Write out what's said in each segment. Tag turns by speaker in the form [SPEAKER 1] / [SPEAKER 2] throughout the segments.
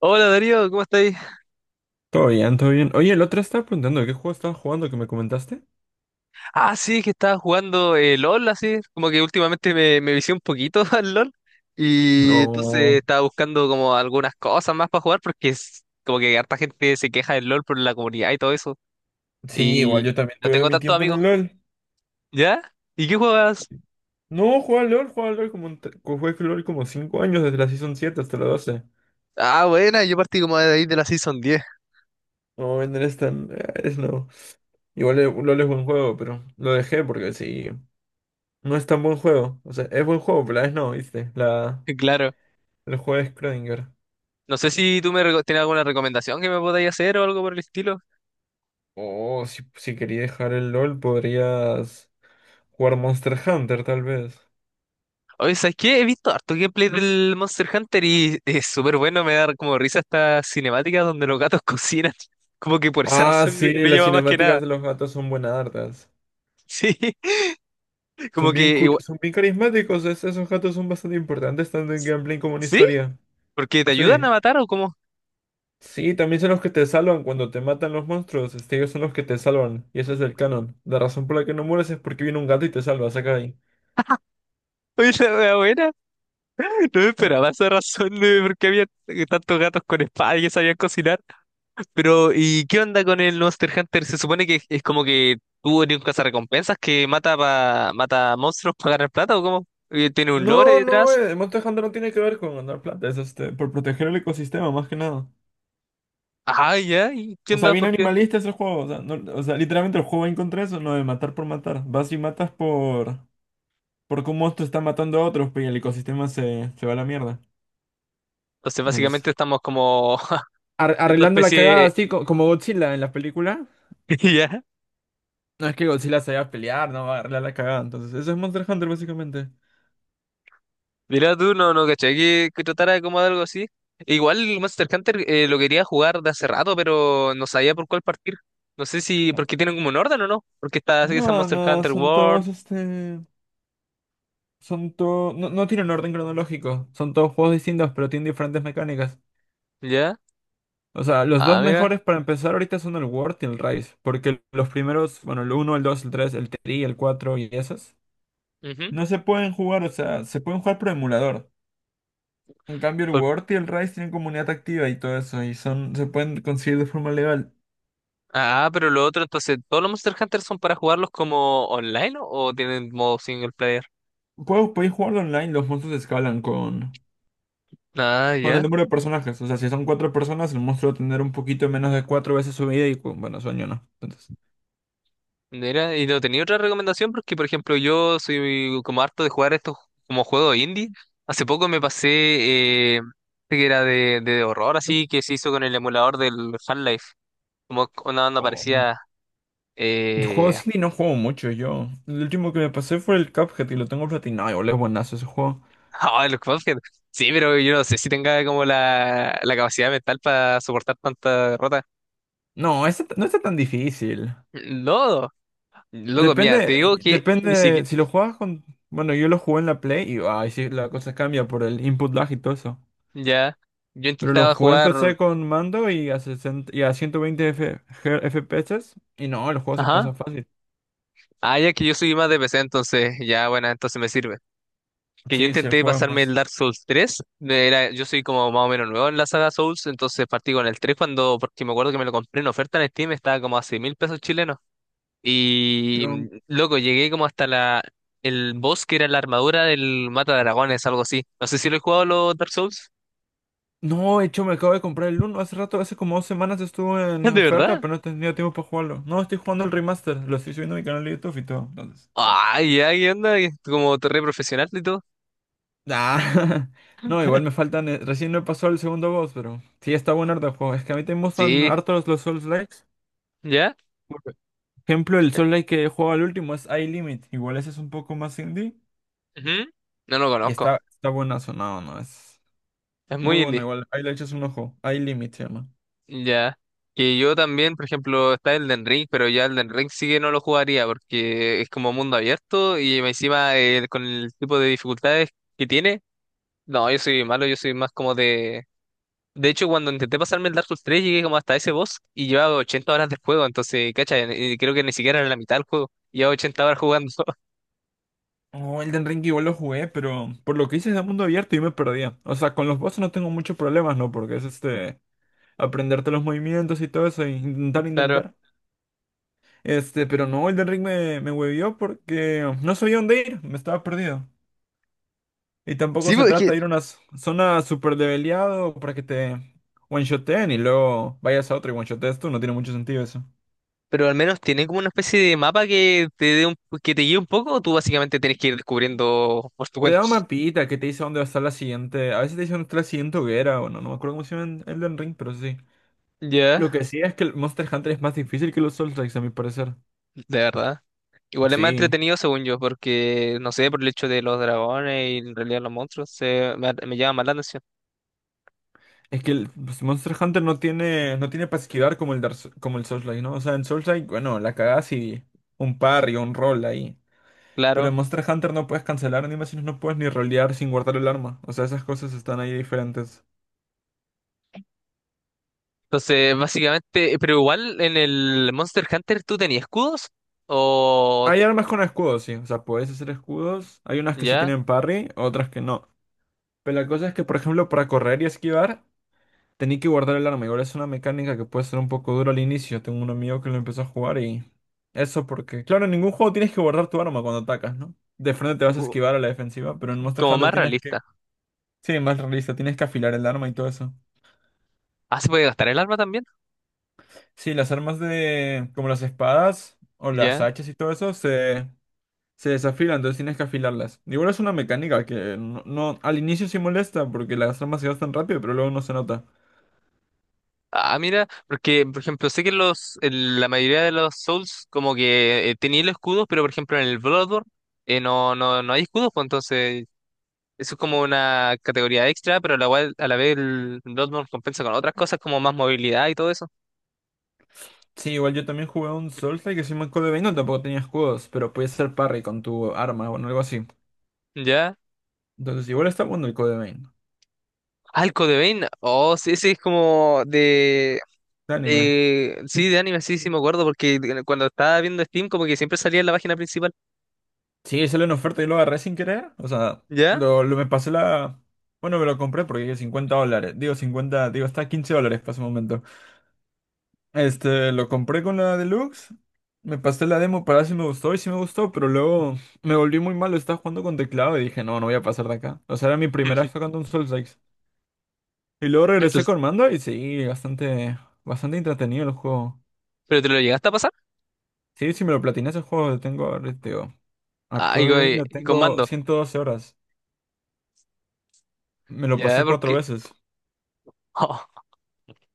[SPEAKER 1] Hola Darío, ¿cómo estáis?
[SPEAKER 2] Todo bien, todo bien. Oye, el otro estaba preguntando, ¿qué juego estabas jugando que me comentaste?
[SPEAKER 1] Ah, sí, que estaba jugando LOL, así, como que últimamente me vicié un poquito al LOL y entonces
[SPEAKER 2] No.
[SPEAKER 1] estaba buscando como algunas cosas más para jugar porque es como que harta gente se queja del LOL por la comunidad y todo eso
[SPEAKER 2] Sí, igual
[SPEAKER 1] y
[SPEAKER 2] yo también
[SPEAKER 1] no
[SPEAKER 2] tuve
[SPEAKER 1] tengo
[SPEAKER 2] mi
[SPEAKER 1] tantos
[SPEAKER 2] tiempo en
[SPEAKER 1] amigos.
[SPEAKER 2] el LOL.
[SPEAKER 1] ¿Ya? ¿Y qué juegas?
[SPEAKER 2] No, jugaba al LOL como, un t- co- jugué al LOL como 5 años, desde la Season 7 hasta la 12.
[SPEAKER 1] Ah, buena, yo partí como de ahí de la Season diez.
[SPEAKER 2] No, en es tan. Es no. Igual el LOL es buen juego, pero lo dejé porque sí, no es tan buen juego. O sea, es buen juego, pero la vez no, ¿viste? La,
[SPEAKER 1] Claro.
[SPEAKER 2] el juego de Schrödinger.
[SPEAKER 1] No sé si tienes alguna recomendación que me podáis hacer o algo por el estilo.
[SPEAKER 2] Oh, si, si quería dejar el LOL, podrías jugar Monster Hunter, tal vez.
[SPEAKER 1] Oye, ¿sabes qué? He visto harto gameplay del Monster Hunter y es súper bueno, me da como risa esta cinemática donde los gatos cocinan. Como que por esa
[SPEAKER 2] Ah,
[SPEAKER 1] razón me,
[SPEAKER 2] sí,
[SPEAKER 1] me
[SPEAKER 2] las
[SPEAKER 1] llama más que nada.
[SPEAKER 2] cinemáticas de los gatos son buenas hartas.
[SPEAKER 1] Sí, como
[SPEAKER 2] Son bien,
[SPEAKER 1] que
[SPEAKER 2] cur- son bien carismáticos, esos gatos son bastante importantes tanto en gameplay como en
[SPEAKER 1] ¿Sí?
[SPEAKER 2] historia.
[SPEAKER 1] ¿Porque te ayudan a
[SPEAKER 2] Sí.
[SPEAKER 1] matar o cómo?
[SPEAKER 2] Sí, también son los que te salvan cuando te matan los monstruos. Este, ellos son los que te salvan. Y ese es el canon. La razón por la que no mueres es porque viene un gato y te salva, saca de ahí.
[SPEAKER 1] Oye, la wea buena. No me esperaba esa razón de por qué había tantos gatos con espada y que sabían cocinar. Pero, ¿y qué onda con el Monster Hunter? Se supone que es como que tú eres un cazarrecompensas que mata monstruos para ganar plata o ¿cómo? ¿Tiene un lore
[SPEAKER 2] No, no,
[SPEAKER 1] detrás?
[SPEAKER 2] Monster Hunter no tiene que ver con ganar plata, es este, por proteger el ecosistema, más que nada.
[SPEAKER 1] Ah, ya, y
[SPEAKER 2] O sea,
[SPEAKER 1] entiendo
[SPEAKER 2] bien
[SPEAKER 1] por qué.
[SPEAKER 2] animalista es el juego. O sea, o sea, literalmente el juego va en contra de eso, no de matar por matar. Vas y matas por. Porque un monstruo está matando a otros, pues, y el ecosistema se va a la mierda.
[SPEAKER 1] Entonces,
[SPEAKER 2] Entonces,
[SPEAKER 1] básicamente estamos como viendo
[SPEAKER 2] Arreglando la cagada,
[SPEAKER 1] especie.
[SPEAKER 2] así como Godzilla en la película.
[SPEAKER 1] Ya.
[SPEAKER 2] No es que Godzilla se vaya a pelear, no va a arreglar la cagada. Entonces, eso es Monster Hunter, básicamente.
[SPEAKER 1] Mira tú, no, no, caché que tratara como de algo así. Igual el Monster Hunter lo quería jugar de hace rato, pero no sabía por cuál partir. No sé si. Porque tienen como un orden o no. Porque está así esa
[SPEAKER 2] No,
[SPEAKER 1] Monster
[SPEAKER 2] no,
[SPEAKER 1] Hunter
[SPEAKER 2] son
[SPEAKER 1] World.
[SPEAKER 2] todos este. Son todos. No, no tienen orden cronológico. Son todos juegos distintos, pero tienen diferentes mecánicas.
[SPEAKER 1] Ya.
[SPEAKER 2] O sea, los dos
[SPEAKER 1] Ah, mira.
[SPEAKER 2] mejores para empezar ahorita son el World y el Rise. Porque los primeros, bueno, el uno el 2 el 3 el 3, el 4 y esos.
[SPEAKER 1] Ujú.
[SPEAKER 2] No se pueden jugar, o sea, se pueden jugar por emulador. En cambio, el
[SPEAKER 1] Por-
[SPEAKER 2] Word y el Rise tienen comunidad activa y todo eso, y son, se pueden conseguir de forma legal.
[SPEAKER 1] Ah, pero lo otro, entonces, ¿todos los Monster Hunter son para jugarlos como online o tienen modo single player?
[SPEAKER 2] Puedes, podéis jugarlo online, los monstruos escalan
[SPEAKER 1] Ah,
[SPEAKER 2] con el
[SPEAKER 1] ya.
[SPEAKER 2] número de personajes. O sea, si son cuatro personas, el monstruo va a tener un poquito menos de 4 veces su vida y, bueno, sueño no. Entonces,
[SPEAKER 1] Mira, y no tenía otra recomendación porque, por ejemplo, yo soy como harto de jugar estos como juegos indie. Hace poco me pasé, eh, que era de horror, así que se hizo con el emulador del Half-Life. Como una banda
[SPEAKER 2] oh. Mm.
[SPEAKER 1] parecía.
[SPEAKER 2] Yo juego
[SPEAKER 1] Eh...
[SPEAKER 2] Silly no juego mucho yo. El último que me pasé fue el Cuphead y lo tengo platinado. Boludo, es buenazo ese juego.
[SPEAKER 1] ah, el Cuphead. Sí, pero yo no sé si tenga como la capacidad mental para soportar tanta derrota.
[SPEAKER 2] No, este no está tan difícil.
[SPEAKER 1] No, loco, mira, te
[SPEAKER 2] Depende,
[SPEAKER 1] digo que ni
[SPEAKER 2] depende,
[SPEAKER 1] siquiera.
[SPEAKER 2] si lo juegas con... Bueno, yo lo jugué en la Play y ay, sí, la cosa cambia por el input lag y todo eso.
[SPEAKER 1] Ya, yo
[SPEAKER 2] Pero lo
[SPEAKER 1] intentaba
[SPEAKER 2] jugué
[SPEAKER 1] jugar.
[SPEAKER 2] empecé con mando y a, 60 y a 120 FPS. Y no, el juego se
[SPEAKER 1] Ajá.
[SPEAKER 2] pasa fácil.
[SPEAKER 1] Ah, ya que yo soy más de PC, entonces ya, bueno, entonces me sirve. Que yo
[SPEAKER 2] Sí, sí, el
[SPEAKER 1] intenté
[SPEAKER 2] juego es
[SPEAKER 1] pasarme el
[SPEAKER 2] más.
[SPEAKER 1] Dark Souls 3. Era, yo soy como más o menos nuevo en la saga Souls, entonces partí con el 3 cuando, porque me acuerdo que me lo compré en oferta en Steam, estaba como a 6 mil pesos chilenos. Y
[SPEAKER 2] Yo-
[SPEAKER 1] loco, llegué como hasta el boss que era la armadura del Mata Dragones, algo así. No sé si lo he jugado los Dark Souls.
[SPEAKER 2] No, de hecho, me acabo de comprar el 1. Hace rato, hace como 2 semanas estuvo en
[SPEAKER 1] ¿De
[SPEAKER 2] oferta,
[SPEAKER 1] verdad?
[SPEAKER 2] pero no he tenido tiempo para jugarlo. No, estoy jugando el remaster. Lo estoy subiendo a mi canal de YouTube y todo. Entonces, ahí.
[SPEAKER 1] Ay, ya, ¿qué onda? Como torre profesional y todo.
[SPEAKER 2] Ah, no, igual me faltan. Recién no he pasado el segundo boss, pero sí está bueno harto el juego. Es que a mí te gustan
[SPEAKER 1] Sí,
[SPEAKER 2] hartos los Souls-likes.
[SPEAKER 1] ¿ya?
[SPEAKER 2] Por ejemplo, el Souls-like que juego al último es iLimit. Igual ese es un poco más indie.
[SPEAKER 1] Ujú. No lo
[SPEAKER 2] Y
[SPEAKER 1] conozco.
[SPEAKER 2] está, está buena sonado, ¿no? Es
[SPEAKER 1] Es
[SPEAKER 2] muy
[SPEAKER 1] muy
[SPEAKER 2] bueno
[SPEAKER 1] indie.
[SPEAKER 2] igual. Ahí le echas un ojo. Ahí Limit se llama.
[SPEAKER 1] Ya. Que yo también, por ejemplo, está Elden Ring, pero ya Elden Ring sí que no lo jugaría porque es como mundo abierto y encima con el tipo de dificultades que tiene. No, yo soy malo, yo soy más como de... De hecho, cuando intenté pasarme el Dark Souls 3 llegué como hasta ese boss y llevaba 80 horas de juego, entonces, cacha, creo que ni siquiera era la mitad del juego. Llevaba 80 horas jugando,
[SPEAKER 2] Oh, Elden Ring igual lo jugué, pero por lo que hice de mundo abierto yo me perdía. O sea, con los bosses no tengo muchos problemas, ¿no? Porque es este. Aprenderte los movimientos y todo eso, e intentar,
[SPEAKER 1] claro.
[SPEAKER 2] intentar. Este, pero no, Elden Ring me huevió porque no sabía dónde ir, me estaba perdido. Y tampoco
[SPEAKER 1] Sí,
[SPEAKER 2] se
[SPEAKER 1] pues, es
[SPEAKER 2] trata
[SPEAKER 1] que...
[SPEAKER 2] de ir a una zona súper leveleado para que te one-shoteen y luego vayas a otra y one-shotees tú, no tiene mucho sentido eso.
[SPEAKER 1] Pero al menos tiene como una especie de mapa que te dé que te guíe un poco, o tú básicamente tienes que ir descubriendo por tu
[SPEAKER 2] Te
[SPEAKER 1] cuenta.
[SPEAKER 2] da un mapita que te dice dónde va a estar la siguiente. A veces te dice dónde está la siguiente hoguera o no. No me acuerdo cómo se llama el Elden Ring, pero sí.
[SPEAKER 1] Ya,
[SPEAKER 2] Lo que sí es que el Monster Hunter es más difícil que los Souls a mi parecer.
[SPEAKER 1] de verdad. Igual es más
[SPEAKER 2] Sí.
[SPEAKER 1] entretenido según yo, porque no sé, por el hecho de los dragones y en realidad los monstruos, me llama más la atención.
[SPEAKER 2] Es que el pues, Monster Hunter no tiene, no tiene para esquivar como el, como el Souls, ¿no? O sea, en Souls bueno, la cagás y un parry o un roll ahí. Pero en
[SPEAKER 1] Claro.
[SPEAKER 2] Monster Hunter no puedes cancelar animaciones, no puedes ni rolear sin guardar el arma. O sea, esas cosas están ahí diferentes.
[SPEAKER 1] Entonces, básicamente, pero igual en el Monster Hunter tú tenías escudos o
[SPEAKER 2] Hay armas con escudos, sí. O sea, puedes hacer escudos. Hay unas que sí
[SPEAKER 1] ya,
[SPEAKER 2] tienen parry, otras que no. Pero la cosa es que, por ejemplo, para correr y esquivar, tenía que guardar el arma. Igual es una mecánica que puede ser un poco dura al inicio. Tengo un amigo que lo empezó a jugar y... Eso porque, claro, en ningún juego tienes que guardar tu arma cuando atacas, ¿no? De frente te vas a
[SPEAKER 1] u-
[SPEAKER 2] esquivar a la defensiva, pero en Monster
[SPEAKER 1] como
[SPEAKER 2] Hunter
[SPEAKER 1] más
[SPEAKER 2] tienes que...
[SPEAKER 1] realista.
[SPEAKER 2] Sí, más realista, tienes que afilar el arma y todo eso.
[SPEAKER 1] Ah, se puede gastar el arma también,
[SPEAKER 2] Sí, las armas de... como las espadas o las
[SPEAKER 1] ya.
[SPEAKER 2] hachas y todo eso se... Se desafilan, entonces tienes que afilarlas. Igual es una mecánica que no, al inicio sí molesta porque las armas se gastan rápido, pero luego no se nota.
[SPEAKER 1] Ah, mira, porque por ejemplo, sé que los, en la mayoría de los Souls como que tenían los escudos, pero por ejemplo en el Bloodborne no hay escudos, pues entonces eso es como una categoría extra, pero a a la vez el Bloodborne compensa con otras cosas como más movilidad y todo eso.
[SPEAKER 2] Sí, igual yo también jugué un Soulslike que se llama Code Vein, no tampoco tenía escudos, pero podías hacer parry con tu arma o algo así.
[SPEAKER 1] ¿Ya?
[SPEAKER 2] Entonces, igual está bueno el Code Vein.
[SPEAKER 1] Ah, el Code Vein. Oh, sí, ese es como
[SPEAKER 2] De anime.
[SPEAKER 1] de... Sí, de anime, sí, sí me acuerdo, porque cuando estaba viendo Steam como que siempre salía en la página principal.
[SPEAKER 2] Sí, salió en oferta y lo agarré sin querer. O sea,
[SPEAKER 1] ¿Ya?
[SPEAKER 2] lo me pasé la. Bueno, me lo compré porque $50. Digo 50, digo, está a $15 para ese momento. Este, lo compré con la Deluxe. Me pasé la demo para ver si me gustó y sí me gustó, pero luego me volví muy malo. Estaba jugando con teclado y dije, no, no voy a pasar de acá. O sea, era mi primera vez tocando un Soulslike. Y luego
[SPEAKER 1] Pero,
[SPEAKER 2] regresé con mando y sí, bastante, bastante entretenido el juego.
[SPEAKER 1] pero ¿te lo llegaste a pasar?
[SPEAKER 2] Sí, si me lo platiné ese juego, lo tengo, ahorita, digo, a
[SPEAKER 1] Ah,
[SPEAKER 2] Code Vein lo
[SPEAKER 1] y con
[SPEAKER 2] tengo
[SPEAKER 1] mando.
[SPEAKER 2] 112 horas. Me lo
[SPEAKER 1] ¿Ya?
[SPEAKER 2] pasé cuatro
[SPEAKER 1] Porque...
[SPEAKER 2] veces.
[SPEAKER 1] Oh,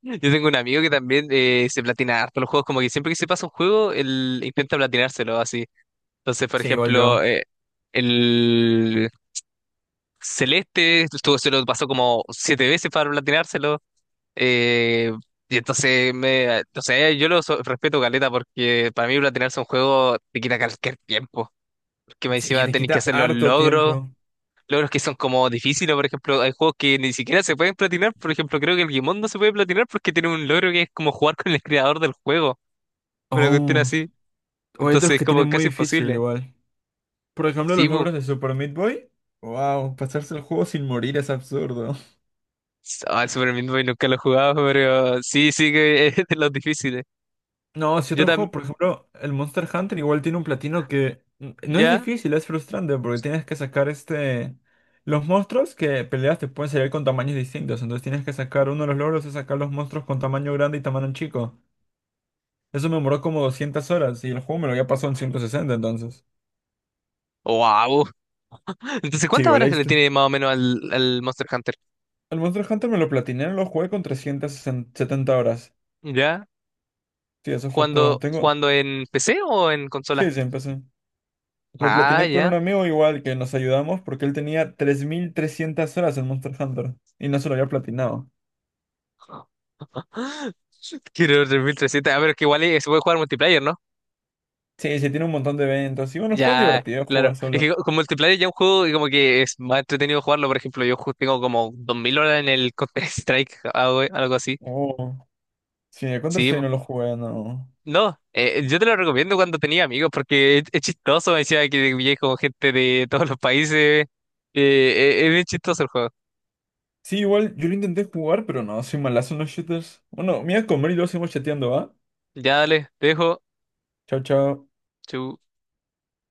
[SPEAKER 1] yo tengo un amigo que también se platina harto los juegos, como que siempre que se pasa un juego, él intenta platinárselo así. Entonces, por
[SPEAKER 2] Sí, igual yo.
[SPEAKER 1] ejemplo... el Celeste, estuvo, se lo pasó como 7 veces para platinárselo. eh, y entonces, o sea, yo respeto caleta porque para mí platinarse un juego te quita cualquier tiempo. Porque me
[SPEAKER 2] Sí,
[SPEAKER 1] encima
[SPEAKER 2] te
[SPEAKER 1] tenés que
[SPEAKER 2] quita
[SPEAKER 1] hacer los
[SPEAKER 2] harto
[SPEAKER 1] logros,
[SPEAKER 2] tiempo.
[SPEAKER 1] logros que son como difíciles. Por ejemplo, hay juegos que ni siquiera se pueden platinar. Por ejemplo, creo que el Gimón no se puede platinar porque tiene un logro que es como jugar con el creador del juego. Una cuestión
[SPEAKER 2] Oh,
[SPEAKER 1] así.
[SPEAKER 2] o hay
[SPEAKER 1] Entonces,
[SPEAKER 2] otros
[SPEAKER 1] es
[SPEAKER 2] que
[SPEAKER 1] como
[SPEAKER 2] tienen muy
[SPEAKER 1] casi
[SPEAKER 2] difícil
[SPEAKER 1] imposible.
[SPEAKER 2] igual. Por ejemplo,
[SPEAKER 1] Sí,
[SPEAKER 2] los
[SPEAKER 1] bu.
[SPEAKER 2] logros de Super Meat Boy. Wow, pasarse el juego sin morir es absurdo.
[SPEAKER 1] Ah, el Super Meat Boy nunca lo he jugado, pero sí, sí que es de los difíciles.
[SPEAKER 2] No, si
[SPEAKER 1] Yo,
[SPEAKER 2] otro
[SPEAKER 1] tam-
[SPEAKER 2] juego, por ejemplo, el Monster Hunter igual tiene un platino que no es
[SPEAKER 1] ¿Ya?
[SPEAKER 2] difícil, es frustrante porque tienes que sacar este... Los monstruos que peleas te pueden salir con tamaños distintos, entonces tienes que sacar uno de los logros es sacar los monstruos con tamaño grande y tamaño chico. Eso me demoró como 200 horas y el juego me lo había pasado en 160, entonces.
[SPEAKER 1] ¡Wow! Entonces,
[SPEAKER 2] Sí,
[SPEAKER 1] ¿cuántas
[SPEAKER 2] igual
[SPEAKER 1] horas le
[SPEAKER 2] leíste.
[SPEAKER 1] tiene más o menos al Monster Hunter?
[SPEAKER 2] El Monster Hunter me lo platiné, lo jugué con 370 horas.
[SPEAKER 1] ¿Ya?
[SPEAKER 2] Sí, eso fue todo.
[SPEAKER 1] ¿Jugando,
[SPEAKER 2] Tengo...
[SPEAKER 1] jugando en PC o en consola?
[SPEAKER 2] Sí, sí, empecé. Lo
[SPEAKER 1] Ah,
[SPEAKER 2] platiné con
[SPEAKER 1] ya.
[SPEAKER 2] un amigo igual que nos ayudamos porque él tenía 3.300 horas en Monster Hunter y no se lo había platinado.
[SPEAKER 1] Quiero 3300. A ver, que igual se puede jugar multiplayer, ¿no?
[SPEAKER 2] Sí, sí, tiene un montón de eventos. Y bueno, el juego es
[SPEAKER 1] Ya,
[SPEAKER 2] divertido
[SPEAKER 1] claro.
[SPEAKER 2] jugar
[SPEAKER 1] Es
[SPEAKER 2] solo.
[SPEAKER 1] que con multiplayer ya un juego y como que es más entretenido jugarlo. Por ejemplo, tengo como 2000 horas en el Counter-Strike, algo, algo así.
[SPEAKER 2] Oh, sí, el
[SPEAKER 1] Sí,
[SPEAKER 2] Counter-Strike
[SPEAKER 1] po.
[SPEAKER 2] no lo jugué, no.
[SPEAKER 1] No. Yo te lo recomiendo cuando tenía amigos porque es chistoso. Me decía que vivía con gente de todos los países. Es bien chistoso el juego.
[SPEAKER 2] Sí, igual yo lo intenté jugar, pero no, soy malazo en los shooters. Bueno, me voy a comer y luego seguimos chateando, ¿va?
[SPEAKER 1] Ya dale, te dejo.
[SPEAKER 2] Chao, chao.
[SPEAKER 1] Chau.